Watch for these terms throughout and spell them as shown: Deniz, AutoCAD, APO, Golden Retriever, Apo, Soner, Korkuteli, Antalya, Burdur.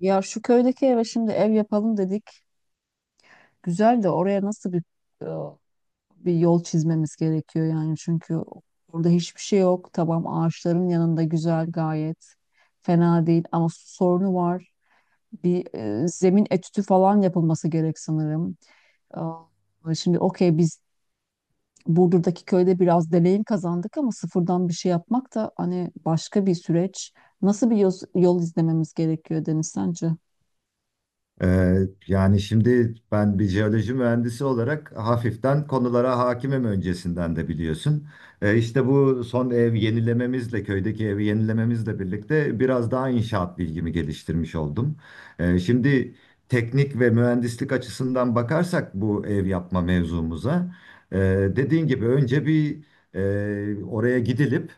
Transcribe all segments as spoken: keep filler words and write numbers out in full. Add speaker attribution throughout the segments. Speaker 1: Ya şu köydeki eve şimdi ev yapalım dedik. Güzel de oraya nasıl bir e, bir yol çizmemiz gerekiyor yani çünkü orada hiçbir şey yok. Tamam, ağaçların yanında güzel, gayet fena değil ama su sorunu var. Bir e, zemin etüdü falan yapılması gerek sanırım. E, şimdi okey, biz Burdur'daki köyde biraz deneyim kazandık ama sıfırdan bir şey yapmak da hani başka bir süreç. Nasıl bir yol, yol izlememiz gerekiyor Deniz sence?
Speaker 2: Ee, yani şimdi ben bir jeoloji mühendisi olarak hafiften konulara hakimim öncesinden de biliyorsun. Ee, işte bu son ev yenilememizle, köydeki evi yenilememizle birlikte biraz daha inşaat bilgimi geliştirmiş oldum. Ee, şimdi teknik ve mühendislik açısından bakarsak bu ev yapma mevzumuza, e, dediğin gibi önce bir e, oraya gidilip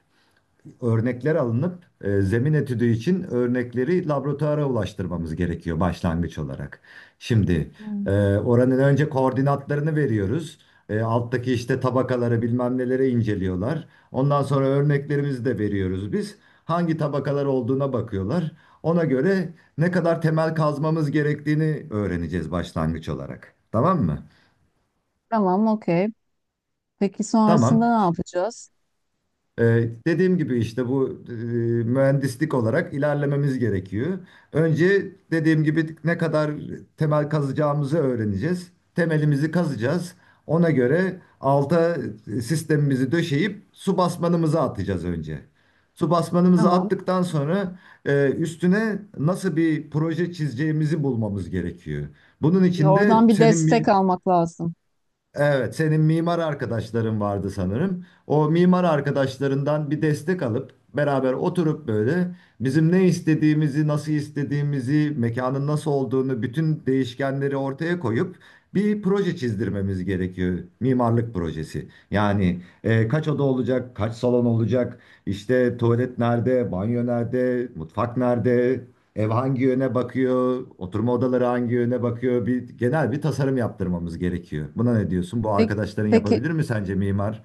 Speaker 2: örnekler alınıp e, zemin etüdü için örnekleri laboratuvara ulaştırmamız gerekiyor başlangıç olarak. Şimdi e,
Speaker 1: Hmm.
Speaker 2: oranın önce koordinatlarını veriyoruz. E, alttaki işte tabakaları bilmem nelere inceliyorlar. Ondan sonra örneklerimizi de veriyoruz biz. Hangi tabakalar olduğuna bakıyorlar. Ona göre ne kadar temel kazmamız gerektiğini öğreneceğiz başlangıç olarak. Tamam mı?
Speaker 1: Tamam, okey. Peki
Speaker 2: Tamam.
Speaker 1: sonrasında ne yapacağız?
Speaker 2: Ee, dediğim gibi işte bu e, mühendislik olarak ilerlememiz gerekiyor. Önce dediğim gibi ne kadar temel kazacağımızı öğreneceğiz. Temelimizi kazacağız. Ona göre alta sistemimizi döşeyip su basmanımızı atacağız önce. Su basmanımızı
Speaker 1: Tamam.
Speaker 2: attıktan sonra e, üstüne nasıl bir proje çizeceğimizi bulmamız gerekiyor. Bunun
Speaker 1: Ya
Speaker 2: için de
Speaker 1: oradan bir
Speaker 2: senin bir
Speaker 1: destek almak lazım.
Speaker 2: Evet, senin mimar arkadaşların vardı sanırım. O mimar arkadaşlarından bir destek alıp beraber oturup böyle bizim ne istediğimizi, nasıl istediğimizi, mekanın nasıl olduğunu, bütün değişkenleri ortaya koyup bir proje çizdirmemiz gerekiyor. Mimarlık projesi. Yani e, kaç oda olacak, kaç salon olacak, işte tuvalet nerede, banyo nerede, mutfak nerede, ev hangi yöne bakıyor, oturma odaları hangi yöne bakıyor, bir genel bir tasarım yaptırmamız gerekiyor. Buna ne diyorsun? Bu
Speaker 1: Peki,
Speaker 2: arkadaşların
Speaker 1: peki
Speaker 2: yapabilir mi sence mimar?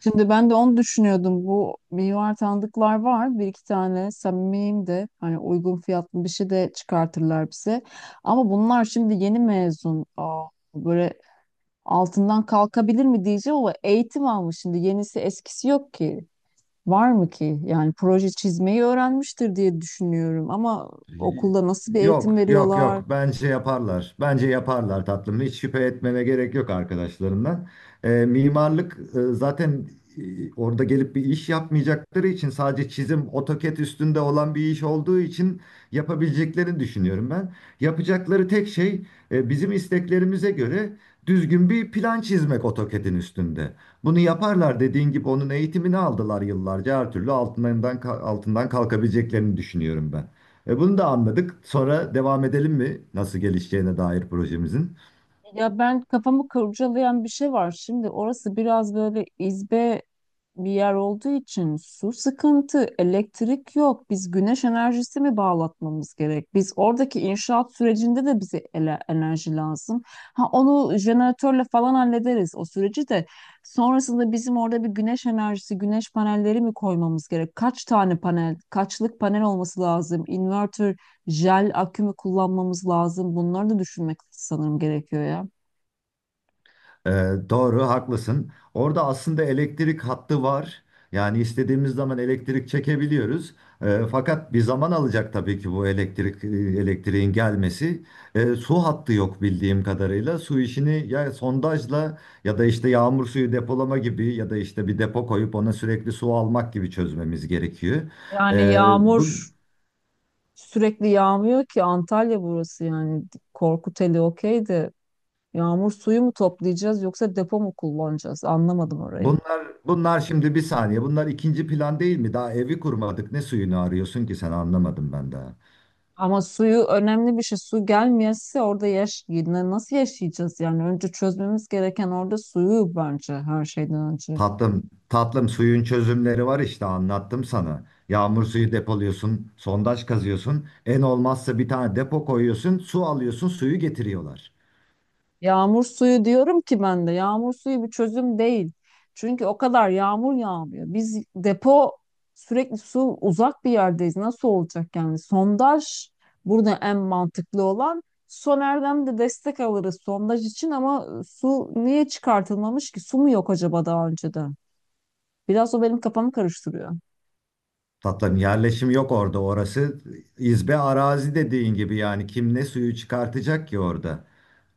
Speaker 1: şimdi ben de onu düşünüyordum. Bu mimar tanıdıklar var. Bir iki tane samimiyim de hani uygun fiyatlı bir şey de çıkartırlar bize. Ama bunlar şimdi yeni mezun. Aa, böyle altından kalkabilir mi diyeceğim ama eğitim almış şimdi. Yenisi eskisi yok ki. Var mı ki? Yani proje çizmeyi öğrenmiştir diye düşünüyorum ama okulda nasıl bir
Speaker 2: Yok,
Speaker 1: eğitim
Speaker 2: yok,
Speaker 1: veriyorlar?
Speaker 2: yok. Bence yaparlar. Bence yaparlar tatlım. Hiç şüphe etmene gerek yok arkadaşlarından. Ee, mimarlık e, zaten e, orada gelip bir iş yapmayacakları için sadece çizim, AutoCAD üstünde olan bir iş olduğu için yapabileceklerini düşünüyorum ben. Yapacakları tek şey e, bizim isteklerimize göre düzgün bir plan çizmek AutoCAD'in üstünde. Bunu yaparlar dediğin gibi onun eğitimini aldılar yıllarca. Her türlü altından altından kalkabileceklerini düşünüyorum ben. E bunu da anladık. Sonra devam edelim mi nasıl gelişeceğine dair projemizin?
Speaker 1: Ya, ben kafamı kurcalayan bir şey var. Şimdi orası biraz böyle izbe bir yer olduğu için su sıkıntı, elektrik yok. Biz güneş enerjisi mi bağlatmamız gerek? Biz oradaki inşaat sürecinde de bize ele- enerji lazım. Ha, onu jeneratörle falan hallederiz o süreci de. Sonrasında bizim orada bir güneş enerjisi, güneş panelleri mi koymamız gerek? Kaç tane panel, kaçlık panel olması lazım? Inverter, jel akü mü kullanmamız lazım? Bunları da düşünmek sanırım gerekiyor ya.
Speaker 2: E, doğru, haklısın. Orada aslında elektrik hattı var. Yani istediğimiz zaman elektrik çekebiliyoruz. E, fakat bir zaman alacak tabii ki bu elektrik e, elektriğin gelmesi. E, su hattı yok bildiğim kadarıyla. Su işini ya sondajla ya da işte yağmur suyu depolama gibi ya da işte bir depo koyup ona sürekli su almak gibi çözmemiz gerekiyor.
Speaker 1: Yani
Speaker 2: E, bu
Speaker 1: yağmur sürekli yağmıyor ki, Antalya burası yani. Korkuteli, okey de yağmur suyu mu toplayacağız yoksa depo mu kullanacağız, anlamadım orayı.
Speaker 2: Bunlar bunlar şimdi bir saniye. Bunlar ikinci plan değil mi? Daha evi kurmadık. Ne suyunu arıyorsun ki sen anlamadım ben daha.
Speaker 1: Ama suyu önemli bir şey. Su gelmeyese orada yaş yine nasıl yaşayacağız yani? Önce çözmemiz gereken orada suyu bence, her şeyden önce.
Speaker 2: Tatlım, tatlım suyun çözümleri var işte anlattım sana. Yağmur suyu depoluyorsun, sondaj kazıyorsun. En olmazsa bir tane depo koyuyorsun, su alıyorsun, suyu getiriyorlar.
Speaker 1: Yağmur suyu diyorum ki ben de, yağmur suyu bir çözüm değil. Çünkü o kadar yağmur yağmıyor. Biz depo, sürekli su, uzak bir yerdeyiz. Nasıl olacak yani? Sondaj burada en mantıklı olan. Soner'den de destek alırız sondaj için ama su niye çıkartılmamış ki? Su mu yok acaba daha önceden? Biraz o benim kafamı karıştırıyor.
Speaker 2: Tatlım yerleşim yok orada. Orası izbe arazi dediğin gibi yani kim ne suyu çıkartacak ki orada?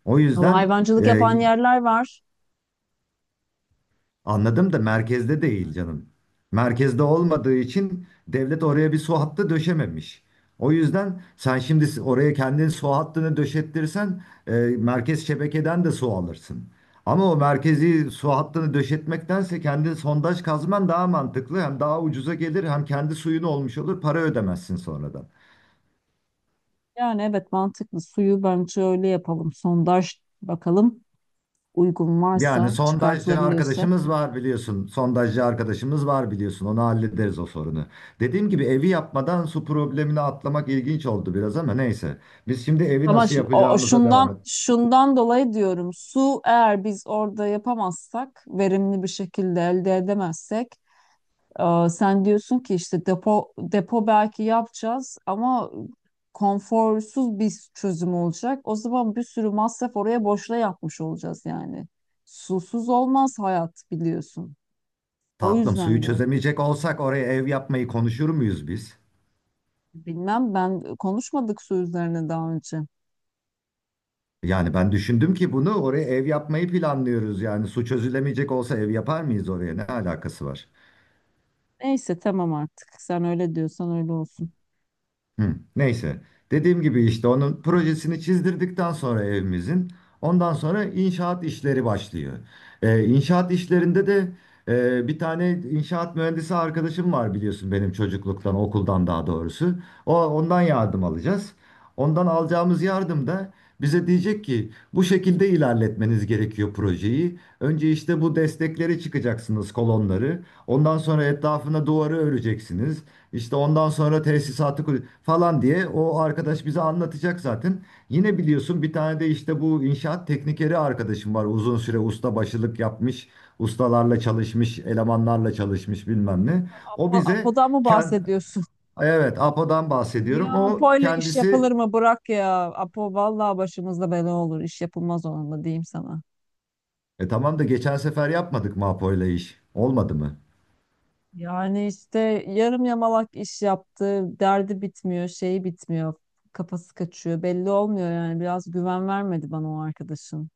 Speaker 2: O
Speaker 1: Ama
Speaker 2: yüzden
Speaker 1: hayvancılık
Speaker 2: e,
Speaker 1: yapan yerler var.
Speaker 2: Anladım da merkezde değil canım. Merkezde olmadığı için devlet oraya bir su hattı döşememiş. O yüzden sen şimdi oraya kendin su hattını döşettirsen e, merkez şebekeden de su alırsın. Ama o merkezi su hattını döşetmektense kendi sondaj kazman daha mantıklı. Hem daha ucuza gelir hem kendi suyun olmuş olur para ödemezsin sonradan.
Speaker 1: Yani evet, mantıklı. Suyu bence öyle yapalım. Sondaj, bakalım uygun
Speaker 2: Yani
Speaker 1: varsa,
Speaker 2: sondajcı
Speaker 1: çıkartılabiliyorsa.
Speaker 2: arkadaşımız var biliyorsun. Sondajcı arkadaşımız var biliyorsun. Onu hallederiz o sorunu. Dediğim gibi evi yapmadan su problemini atlamak ilginç oldu biraz ama neyse. Biz şimdi evi
Speaker 1: Ama
Speaker 2: nasıl
Speaker 1: şu- o, o
Speaker 2: yapacağımıza devam et.
Speaker 1: şundan şundan dolayı diyorum. Su eğer biz orada yapamazsak, verimli bir şekilde elde edemezsek, e, sen diyorsun ki işte depo depo belki yapacağız ama konforsuz bir çözüm olacak. O zaman bir sürü masraf oraya boşuna yapmış olacağız yani. Susuz olmaz hayat, biliyorsun. O
Speaker 2: Tatlım suyu
Speaker 1: yüzden diyorum.
Speaker 2: çözemeyecek olsak oraya ev yapmayı konuşur muyuz biz?
Speaker 1: Bilmem, ben konuşmadık su üzerine daha önce.
Speaker 2: Yani ben düşündüm ki bunu oraya ev yapmayı planlıyoruz. Yani su çözülemeyecek olsa ev yapar mıyız oraya? Ne alakası var?
Speaker 1: Neyse tamam artık. Sen öyle diyorsan öyle olsun.
Speaker 2: Hı, neyse. Dediğim gibi işte onun projesini çizdirdikten sonra evimizin ondan sonra inşaat işleri başlıyor. Ee, inşaat işlerinde de e, bir tane inşaat mühendisi arkadaşım var biliyorsun benim çocukluktan okuldan daha doğrusu. O ondan yardım alacağız. Ondan alacağımız yardım da bize diyecek ki bu şekilde ilerletmeniz gerekiyor projeyi. Önce işte bu destekleri çıkacaksınız kolonları. Ondan sonra etrafına duvarı öreceksiniz. İşte ondan sonra tesisatı kur- falan diye o arkadaş bize anlatacak zaten. Yine biliyorsun bir tane de işte bu inşaat teknikeri arkadaşım var. Uzun süre ustabaşılık yapmış, ustalarla çalışmış, elemanlarla çalışmış bilmem ne. O
Speaker 1: Po-
Speaker 2: bize
Speaker 1: Apo'dan mı
Speaker 2: kend
Speaker 1: bahsediyorsun?
Speaker 2: evet APO'dan bahsediyorum.
Speaker 1: Ya
Speaker 2: O
Speaker 1: Apo'yla iş
Speaker 2: kendisi
Speaker 1: yapılır mı? Bırak ya. Apo vallahi başımızda bela olur. İş yapılmaz onunla, diyeyim sana.
Speaker 2: e tamam da geçen sefer yapmadık mı APO ile iş? Olmadı mı?
Speaker 1: Yani işte yarım yamalak iş yaptı. Derdi bitmiyor, şeyi bitmiyor. Kafası kaçıyor. Belli olmuyor yani. Biraz güven vermedi bana o arkadaşın.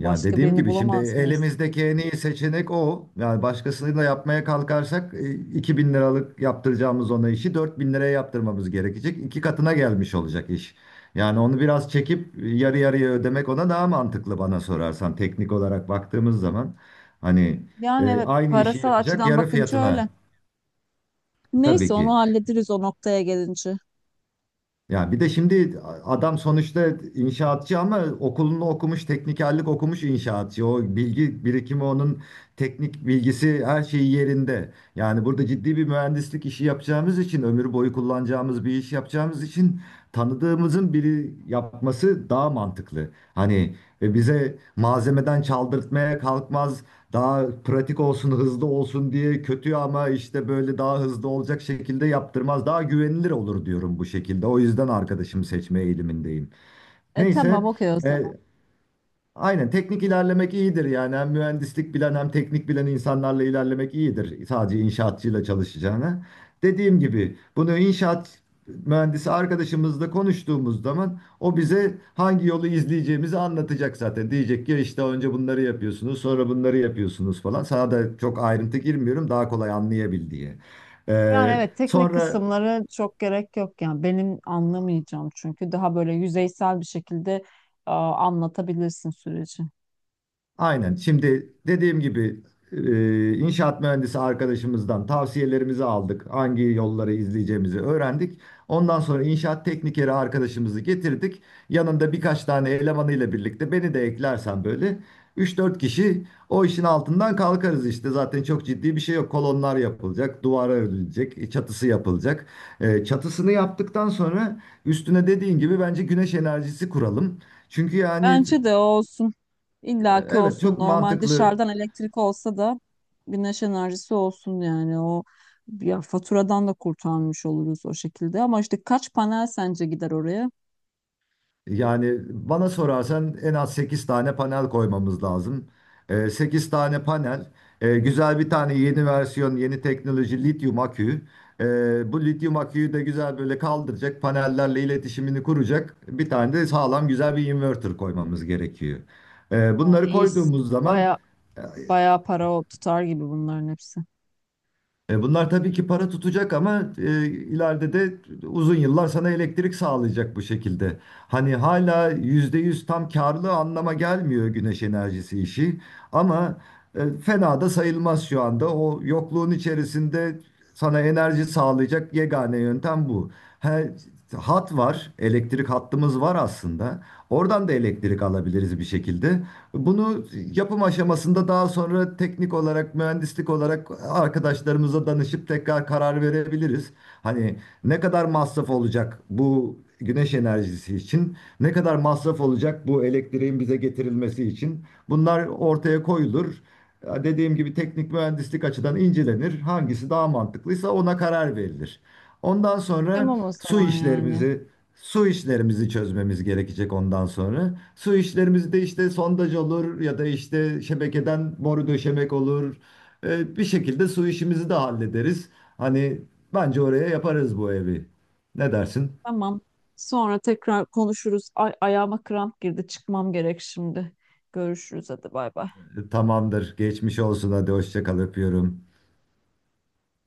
Speaker 2: Ya
Speaker 1: Başka
Speaker 2: dediğim
Speaker 1: birini
Speaker 2: gibi şimdi
Speaker 1: bulamaz mıyız?
Speaker 2: elimizdeki en iyi seçenek o. Yani başkasıyla yapmaya kalkarsak e, iki bin liralık yaptıracağımız ona işi dört bin liraya yaptırmamız gerekecek. İki katına gelmiş olacak iş. Yani onu biraz çekip e, yarı yarıya ödemek ona daha mantıklı bana sorarsan teknik olarak baktığımız zaman. Hani
Speaker 1: Yani
Speaker 2: e,
Speaker 1: evet,
Speaker 2: aynı işi
Speaker 1: parasal
Speaker 2: yapacak
Speaker 1: açıdan
Speaker 2: yarı
Speaker 1: bakınca
Speaker 2: fiyatına
Speaker 1: öyle.
Speaker 2: tabii
Speaker 1: Neyse, onu
Speaker 2: ki
Speaker 1: hallederiz o noktaya gelince.
Speaker 2: Ya bir de şimdi adam sonuçta inşaatçı ama okulunu okumuş, teknikerlik okumuş inşaatçı. O bilgi birikimi onun teknik bilgisi her şeyi yerinde. Yani burada ciddi bir mühendislik işi yapacağımız için, ömür boyu kullanacağımız bir iş yapacağımız için tanıdığımızın biri yapması daha mantıklı. Hani ve bize malzemeden çaldırtmaya kalkmaz daha pratik olsun, hızlı olsun diye kötü ama işte böyle daha hızlı olacak şekilde yaptırmaz. Daha güvenilir olur diyorum bu şekilde. O yüzden arkadaşımı seçme eğilimindeyim.
Speaker 1: E, tamam
Speaker 2: Neyse,
Speaker 1: okey o zaman.
Speaker 2: e, Aynen teknik ilerlemek iyidir yani hem mühendislik bilen hem teknik bilen insanlarla ilerlemek iyidir sadece inşaatçıyla çalışacağına. Dediğim gibi bunu inşaat mühendisi arkadaşımızla konuştuğumuz zaman o bize hangi yolu izleyeceğimizi anlatacak zaten. Diyecek ki işte önce bunları yapıyorsunuz sonra bunları yapıyorsunuz falan. Sana da çok ayrıntı girmiyorum daha kolay anlayabil diye.
Speaker 1: Yani
Speaker 2: Ee,
Speaker 1: evet, teknik
Speaker 2: sonra
Speaker 1: kısımları çok gerek yok yani, benim anlamayacağım, çünkü daha böyle yüzeysel bir şekilde e, anlatabilirsin süreci.
Speaker 2: Aynen. Şimdi dediğim gibi e, inşaat mühendisi arkadaşımızdan tavsiyelerimizi aldık. Hangi yolları izleyeceğimizi öğrendik. Ondan sonra inşaat teknikeri arkadaşımızı getirdik. Yanında birkaç tane elemanıyla birlikte beni de eklersen böyle üç dört kişi o işin altından kalkarız işte. Zaten çok ciddi bir şey yok. Kolonlar yapılacak, duvara örülecek, çatısı yapılacak. E, çatısını yaptıktan sonra üstüne dediğin gibi bence güneş enerjisi kuralım. Çünkü yani
Speaker 1: Bence de o olsun. İllaki
Speaker 2: Evet
Speaker 1: olsun.
Speaker 2: çok
Speaker 1: Normal
Speaker 2: mantıklı
Speaker 1: dışarıdan elektrik olsa da güneş enerjisi olsun yani. O, ya faturadan da kurtarmış oluruz o şekilde. Ama işte kaç panel sence gider oraya?
Speaker 2: Yani bana sorarsan en az sekiz tane panel koymamız lazım. Ee, Sekiz tane panel, e, güzel bir tane yeni versiyon, yeni teknoloji lityum akü. E, Bu lityum aküyü de güzel böyle kaldıracak, panellerle iletişimini kuracak bir tane de sağlam güzel bir inverter koymamız gerekiyor. E,
Speaker 1: Aa,
Speaker 2: bunları
Speaker 1: iyi.
Speaker 2: koyduğumuz zaman
Speaker 1: Bayağı, Bayağı para o tutar gibi bunların hepsi.
Speaker 2: E, bunlar tabii ki para tutacak ama e, ileride de uzun yıllar sana elektrik sağlayacak bu şekilde. Hani hala yüzde yüz tam karlı anlama gelmiyor güneş enerjisi işi ama e, fena da sayılmaz şu anda. O yokluğun içerisinde sana enerji sağlayacak yegane yöntem bu. He, hat var, elektrik hattımız var aslında. Oradan da elektrik alabiliriz bir şekilde. Bunu yapım aşamasında daha sonra teknik olarak, mühendislik olarak arkadaşlarımıza danışıp tekrar karar verebiliriz. Hani ne kadar masraf olacak bu güneş enerjisi için, ne kadar masraf olacak bu elektriğin bize getirilmesi için. Bunlar ortaya koyulur. Ya Dediğim gibi teknik mühendislik açıdan incelenir. Hangisi daha mantıklıysa ona karar verilir. Ondan sonra
Speaker 1: Tamam o
Speaker 2: su
Speaker 1: zaman yani.
Speaker 2: işlerimizi Su işlerimizi çözmemiz gerekecek ondan sonra. Su işlerimiz de işte sondaj olur ya da işte şebekeden boru döşemek olur. Ee, bir şekilde su işimizi de hallederiz. Hani bence oraya yaparız bu evi. Ne dersin?
Speaker 1: Tamam. Sonra tekrar konuşuruz. Ay, ayağıma kramp girdi. Çıkmam gerek şimdi. Görüşürüz, hadi bay bay.
Speaker 2: Tamamdır. Geçmiş olsun. Hadi hoşça kal öpüyorum.